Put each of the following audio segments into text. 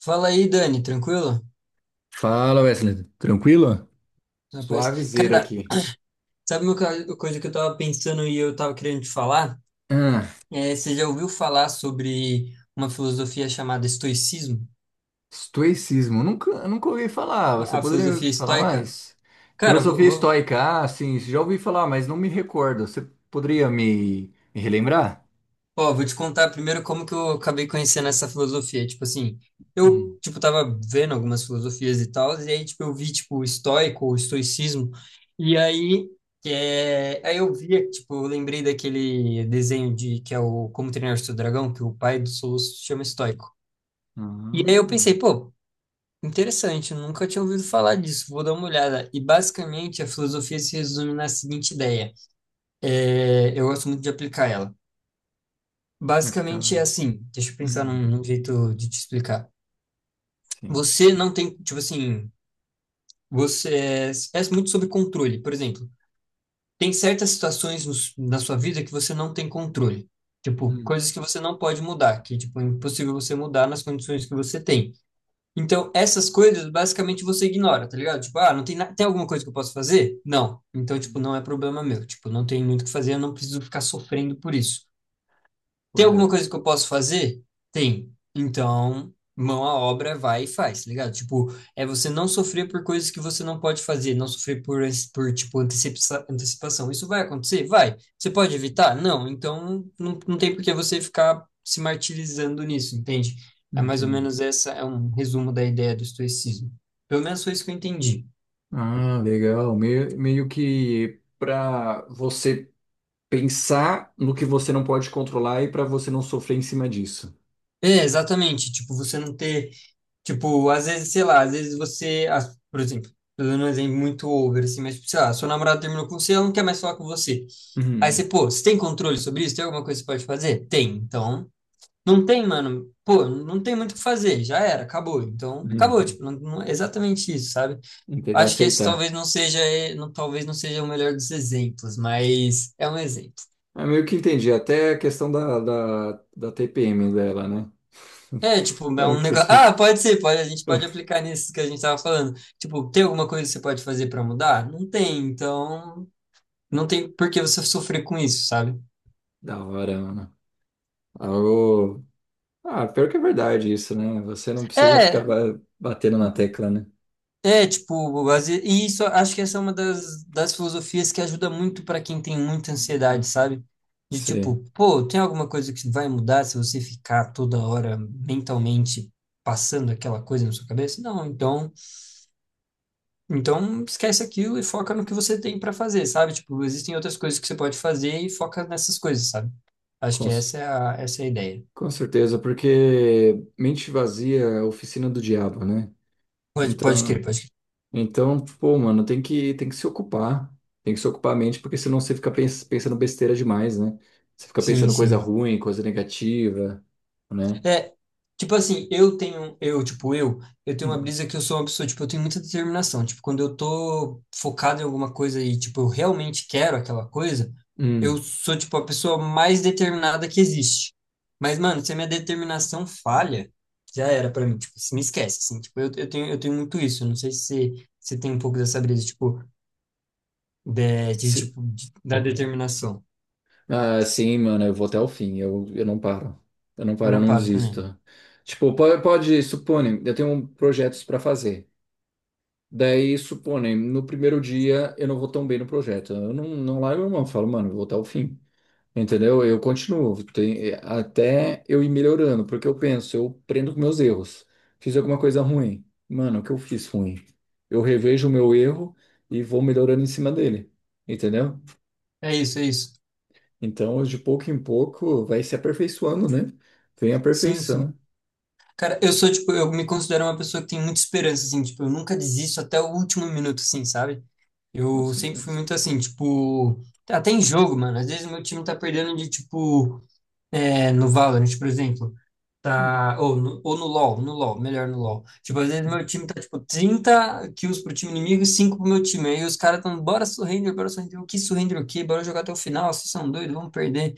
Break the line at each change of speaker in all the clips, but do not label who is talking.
Fala aí, Dani, tranquilo?
Fala, Wesley. Tranquilo?
Rapaz.
Suavizeira
Cara,
aqui.
sabe uma coisa que eu tava pensando e eu tava querendo te falar?
Ah,
É, você já ouviu falar sobre uma filosofia chamada estoicismo?
estoicismo. Nunca ouvi falar. Você
A
poderia
filosofia
falar
estoica?
mais?
Cara, vou.
Filosofia
vou-
estoica. Ah, sim, já ouvi falar, mas não me recordo. Você poderia me relembrar?
Ó, vou te contar primeiro como que eu acabei conhecendo essa filosofia. Tipo assim, eu, tipo, tava vendo algumas filosofias e tal, e aí, tipo, eu vi, tipo, o estoicismo, e aí, é, aí eu via, tipo, eu lembrei daquele desenho de, que é o Como Treinar Seu Dragão, que o pai do Soluço se chama estoico. E aí eu
Hum.
pensei, pô, interessante, eu nunca tinha ouvido falar disso, vou dar uma olhada. E basicamente a filosofia se resume na seguinte ideia, é, eu gosto muito de aplicar ela.
Ah, que da
Basicamente é
hora.
assim, deixa eu pensar
Hum,
num jeito de te explicar.
sim.
Você não tem, tipo assim, você é muito sobre controle. Por exemplo, tem certas situações na sua vida que você não tem controle. Tipo,
Hum,
coisas que você não pode mudar, que, tipo, é impossível você mudar nas condições que você tem. Então, essas coisas, basicamente, você ignora, tá ligado? Tipo, ah, não tem, tem alguma coisa que eu posso fazer? Não. Então, tipo, não
hum,
é problema meu. Tipo, não tem muito o que fazer, eu não preciso ficar sofrendo por isso. Tem alguma
correto.
coisa que eu posso fazer? Tem. Então, mão à obra, vai e faz, tá ligado? Tipo, é você não sofrer por coisas que você não pode fazer, não sofrer por, por tipo, antecipação. Isso vai acontecer? Vai. Você pode evitar? Não. Então, não, não tem por que você ficar se martirizando nisso, entende? É mais ou
Entendo.
menos essa, é um resumo da ideia do estoicismo. Pelo menos foi isso que eu entendi.
Ah, legal. Meio que para você pensar no que você não pode controlar e para você não sofrer em cima disso.
É, exatamente. Tipo, você não ter. Tipo, às vezes, sei lá, às vezes você. As- Por exemplo, tô dando um exemplo muito over, assim, mas, tipo, sei lá, sua namorada terminou com você, ela não quer mais falar com você. Aí você,
Uhum,
pô, você tem controle sobre isso? Tem alguma coisa que você pode fazer? Tem. Então, não tem, mano. Pô, não tem muito o que fazer. Já era, acabou. Então, acabou.
uhum.
Tipo, não, é exatamente isso, sabe?
Entendi,
Acho que esse
aceitar.
talvez não seja, não, talvez não seja o melhor dos exemplos, mas é um exemplo.
É meio que entendi, até a questão da TPM dela, né?
É, tipo, é um
Ok,
negócio. Ah,
gente.
pode ser, pode, a gente pode aplicar nisso que a gente tava falando. Tipo, tem alguma coisa que você pode fazer pra mudar? Não tem, então não tem por que você sofrer com isso, sabe?
Da hora, mano. Algo... Ah, pior que é verdade isso, né? Você não precisa ficar
É,
batendo na tecla, né?
é, tipo, e isso acho que essa é uma das filosofias que ajuda muito pra quem tem muita ansiedade, sabe? De
Sim,
tipo, pô, tem alguma coisa que vai mudar se você ficar toda hora mentalmente passando aquela coisa na sua cabeça? Não, então. Então, esquece aquilo e foca no que você tem para fazer, sabe? Tipo, existem outras coisas que você pode fazer e foca nessas coisas, sabe? Acho
com,
que
c-
essa é a ideia.
com certeza, porque mente vazia é a oficina do diabo, né?
Pode, pode crer,
Então,
pode crer.
então, pô, mano, tem que se ocupar. Tem que se ocupar a mente, porque senão você fica pensando besteira demais, né? Você fica
Sim,
pensando coisa
sim.
ruim, coisa negativa, né?
É, tipo assim, eu tenho uma
Hum.
brisa que eu sou uma pessoa, tipo, eu tenho muita determinação. Tipo, quando eu tô focado em alguma coisa e, tipo, eu realmente quero aquela coisa, eu
Hum.
sou, tipo, a pessoa mais determinada que existe. Mas, mano, se a minha determinação falha, já era pra mim, tipo, se me esquece, assim, tipo, eu tenho muito isso. Eu não sei se você tem um pouco dessa brisa, tipo, de, de
Se-
tipo, de- da determinação.
Ah, sim, mano, eu vou até o fim. Eu não paro. Eu não
Eu
paro, eu
não
não
paro também.
desisto. Tipo, supõe, eu tenho projetos pra fazer. Daí, supõe, no primeiro dia eu não vou tão bem no projeto. Eu não largo a mão, falo, mano, eu vou até o fim. Entendeu? Eu continuo, até eu ir melhorando, porque eu penso, eu prendo com meus erros. Fiz alguma coisa ruim. Mano, o que eu fiz ruim? Eu revejo o meu erro e vou melhorando em cima dele. Entendeu?
É isso, é isso.
Então, de pouco em pouco, vai se aperfeiçoando, né? Vem a
Sim, sim.
perfeição.
Cara, eu sou, tipo, eu me considero uma pessoa que tem muita esperança, assim, tipo, eu nunca desisto até o último minuto, assim, sabe?
Com
Eu sempre fui
certeza.
muito assim, tipo, até em jogo, mano, às vezes meu time tá perdendo de, tipo, é, no Valorant, por exemplo,
É,
tá, ou no LoL, no LoL, melhor no LoL. Tipo, às vezes meu time tá, tipo, 30 kills pro time inimigo e 5 pro meu time, aí os caras tão, bora surrender, o que surrender o quê? Bora jogar até o final, vocês são doidos, vamos perder.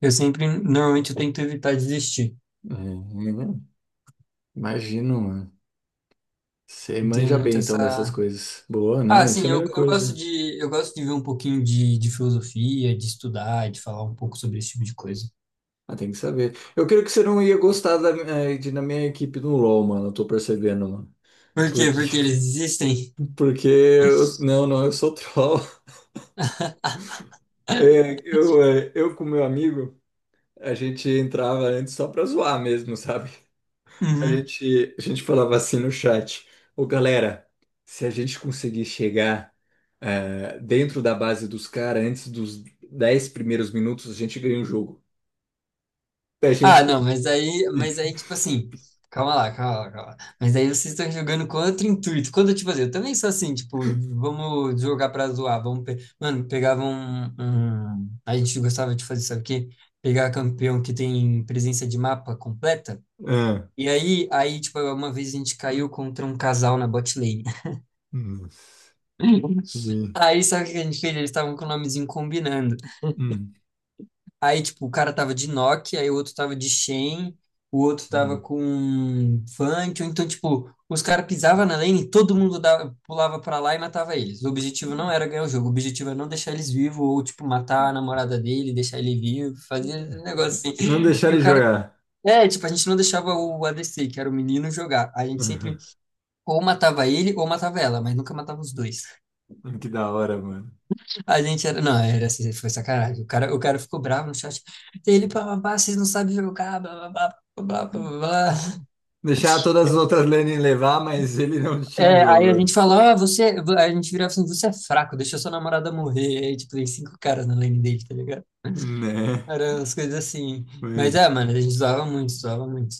Eu sempre, normalmente, eu tento evitar desistir.
é, imagino, mano. Você
Eu tenho
manja
muito
bem então dessas
essa.
coisas. Boa,
Ah,
não, isso
sim,
é a
eu,
melhor
eu gosto
coisa.
de eu gosto de ver um pouquinho de filosofia, de estudar, de falar um pouco sobre esse tipo de coisa.
Ah, tem que saber. Eu creio que você não ia gostar da, de, na minha equipe no LoL, mano. Eu tô percebendo, mano.
Por quê?
Porque,
Porque eles existem.
porque eu, não, não, eu sou troll. Eu com meu amigo, a gente entrava antes só pra zoar mesmo, sabe?
Uhum.
A gente falava assim no chat: Ô galera, se a gente conseguir chegar dentro da base dos caras antes dos 10 primeiros minutos, a gente ganha o jogo. A
Ah,
gente.
não, mas aí, tipo assim, calma lá, calma lá, calma lá. Mas aí vocês estão jogando com outro intuito. Quando, tipo assim, eu também sou assim, tipo, vamos jogar pra zoar, vamos, mano, pegava a gente gostava de fazer, sabe o quê? Pegar campeão que tem presença de mapa completa.
Ah,
E aí, tipo, uma vez a gente caiu contra um casal na bot lane.
nossa. E-
Aí, sabe o que a gente fez? Eles estavam com o nomezinho combinando.
hum,
Aí, tipo, o cara tava de Nokia, aí o outro tava de Shen, o outro tava
hum.
com Fantio. Então, tipo, os caras pisavam na lane, e todo mundo dava, pulava pra lá e matava eles. O objetivo não era ganhar o jogo, o objetivo era não deixar eles vivos, ou, tipo, matar a namorada dele, deixar ele vivo, fazer um negócio assim.
Não deixar
E o
ele
cara.
jogar.
É, tipo, a gente não deixava o ADC, que era o menino, jogar. A gente sempre Ou matava ele ou matava ela, mas nunca matava os dois.
Que da hora, mano.
A gente era. Não, era assim, foi sacanagem. O cara ficou bravo no chat. Ele, pá, pá, pá, vocês não sabem jogar, blá, blá, blá. Blá, blá, blá. Blá.
Deixar todas as outras lanes levar, mas ele não tinha
É, aí a
jogo.
gente falou, ah, você. a gente virava assim, você é fraco, deixa sua namorada morrer. Aí, tipo, tem cinco caras na lane dele, tá ligado?
Né?
Eram umas coisas assim.
Mas,
Mas é, mano, a gente zoava muito, zoava muito.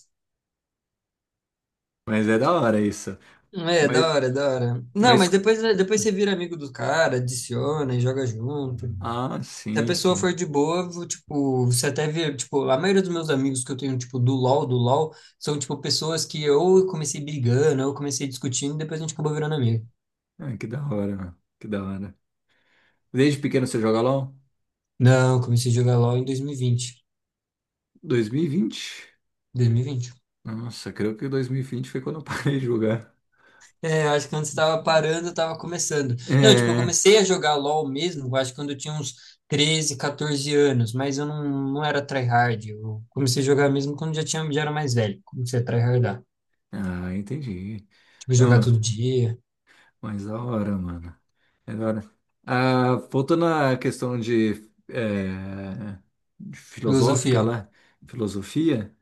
mas é da hora isso.
É,
Mas,
da hora, da hora. Não, mas
mas.
depois você vira amigo do cara, adiciona e joga junto.
Ah,
Se a
sim,
pessoa
sim.
for de boa, vou, tipo, você até vê, tipo, a maioria dos meus amigos que eu tenho, tipo, do LoL, são, tipo, pessoas que ou eu comecei brigando, ou eu comecei discutindo, e depois a gente acabou virando amigo.
Ah, que da hora, mano. Que da hora. Desde pequeno você joga LOL?
Não, eu comecei a jogar LoL em
2020?
2020.
Nossa, creio que 2020 foi quando eu parei de jogar.
É, eu acho que quando você tava parando, eu tava começando. Não, tipo, eu
É.
comecei a jogar LoL mesmo, eu acho que quando eu tinha uns 13 14 anos, mas eu não, não era tryhard. Eu comecei a jogar mesmo quando já tinha, já era mais velho. Comecei a tryhardar.
Ah, entendi.
Tipo, jogar
Então,
todo dia.
mas da hora, mano. É da hora. Ah, voltando à questão de, é, de filosófica
Filosofia.
lá, filosofia,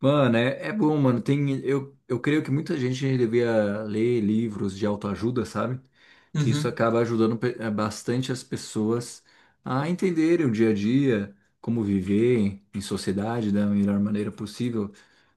mano, é bom, mano. Tem, eu creio que muita gente devia ler livros de autoajuda, sabe? Que isso
Uhum,
acaba ajudando bastante as pessoas a entenderem o dia a dia, como viver em sociedade da melhor maneira possível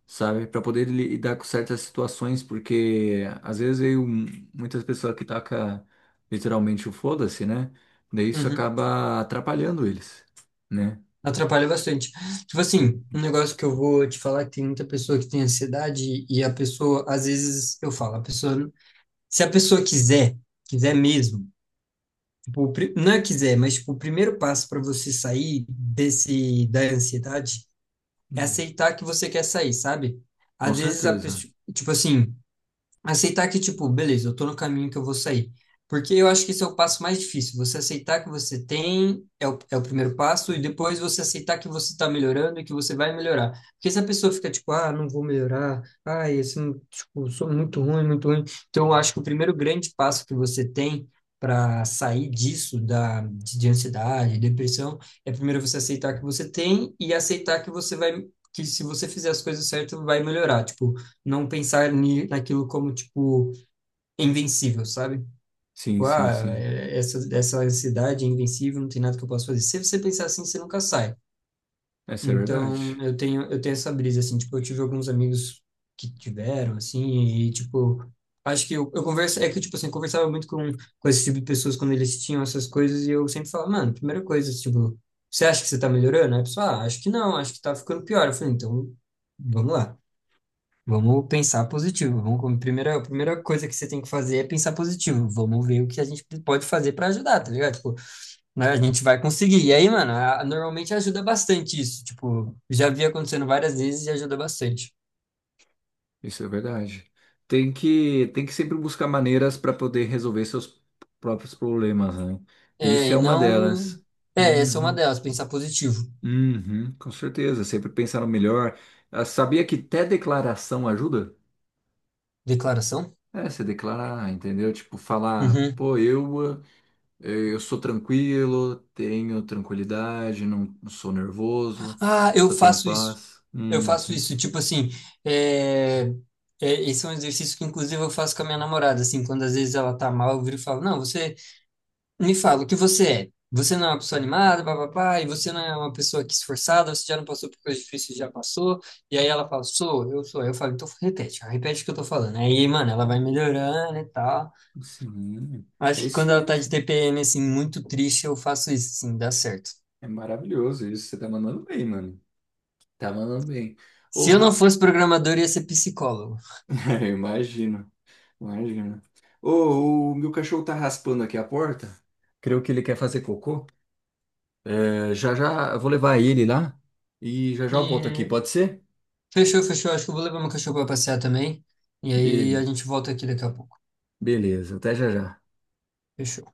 sabe? Para poder lidar com certas situações, porque muitas pessoas que tacam literalmente o foda-se, né? Daí isso
uhum.
acaba atrapalhando eles, né?
Atrapalha bastante. Tipo assim, um negócio que eu vou te falar que tem muita pessoa que tem ansiedade e a pessoa, às vezes, eu falo, a pessoa, se a pessoa quiser, quiser mesmo, tipo, não é quiser, mas tipo, o primeiro passo para você sair desse da ansiedade é
Hum.
aceitar que você quer sair, sabe?
Com
Às vezes a
certeza.
pessoa, tipo assim, aceitar que, tipo, beleza, eu tô no caminho que eu vou sair. Porque eu acho que esse é o passo mais difícil. Você aceitar que você tem é o primeiro passo, e depois você aceitar que você está melhorando e que você vai melhorar. Porque se a pessoa fica tipo, ah, não vou melhorar, ah, esse, tipo, sou muito ruim, muito ruim. Então, eu acho que o primeiro grande passo que você tem para sair disso, da, de ansiedade, depressão, é primeiro você aceitar que você tem e aceitar que você vai, que se você fizer as coisas certas, vai melhorar. Tipo, não pensar naquilo como, tipo, invencível, sabe? Tipo, ah,
Sim.
essa ansiedade é invencível, não tem nada que eu possa fazer. Se você pensar assim, você nunca sai.
Essa é verdade.
Então, eu tenho essa brisa, assim, tipo, eu tive alguns amigos que tiveram, assim, e, tipo, acho que eu converso, é que, tipo, assim, eu conversava muito com esse tipo de pessoas quando eles tinham essas coisas, e eu sempre falava, mano, primeira coisa, tipo, você acha que você tá melhorando? Aí a pessoa, ah, acho que não, acho que tá ficando pior. Eu falei, então, vamos lá. Vamos pensar positivo. Vamos, como primeira, a primeira coisa que você tem que fazer é pensar positivo. Vamos ver o que a gente pode fazer para ajudar, tá ligado? Tipo, né, a gente vai conseguir. E aí, mano, normalmente ajuda bastante isso. Tipo, já vi acontecendo várias vezes e ajuda bastante.
Isso é verdade. Tem que sempre buscar maneiras para poder resolver seus próprios problemas, né? E
É,
isso é
e
uma
não.
delas.
É, essa é uma
Uhum.
delas, pensar positivo.
Uhum, com certeza. Sempre pensar no melhor. Ah, sabia que até declaração ajuda?
Declaração?
É, se declarar, entendeu? Tipo, falar,
Uhum.
eu sou tranquilo, tenho tranquilidade, não sou nervoso,
Ah, eu
só tenho
faço isso.
paz.
Eu
Uhum.
faço isso. Tipo assim, é, é, esse é um exercício que, inclusive, eu faço com a minha namorada. Assim, quando às vezes ela tá mal, eu viro e falo: Não, você. Me fala, o que você é? Você não é uma pessoa animada, papapá, e você não é uma pessoa que é esforçada, você já não passou por coisas difíceis, já passou. E aí ela fala, sou. Eu falo, então repete, ó, repete o que eu tô falando. Aí, mano, ela vai
Uhum.
melhorando e tal.
Sim, é
Acho que
isso
quando ela tá de
mesmo.
TPM, assim, muito triste, eu faço isso, assim, dá certo.
É maravilhoso isso. Você tá mandando bem, mano. Tá mandando bem. Ô,
Se eu não
ra-
fosse programador, eu ia ser psicólogo.
Eu imagino, imagino. Ô, o meu cachorro tá raspando aqui a porta. Creio que ele quer fazer cocô. É, já já eu vou levar ele lá e já já eu volto aqui,
E
pode ser?
fechou, fechou. Acho que eu vou levar meu cachorro pra passear também. E aí
Beleza.
a gente volta aqui daqui a pouco.
Beleza, até já já.
Fechou.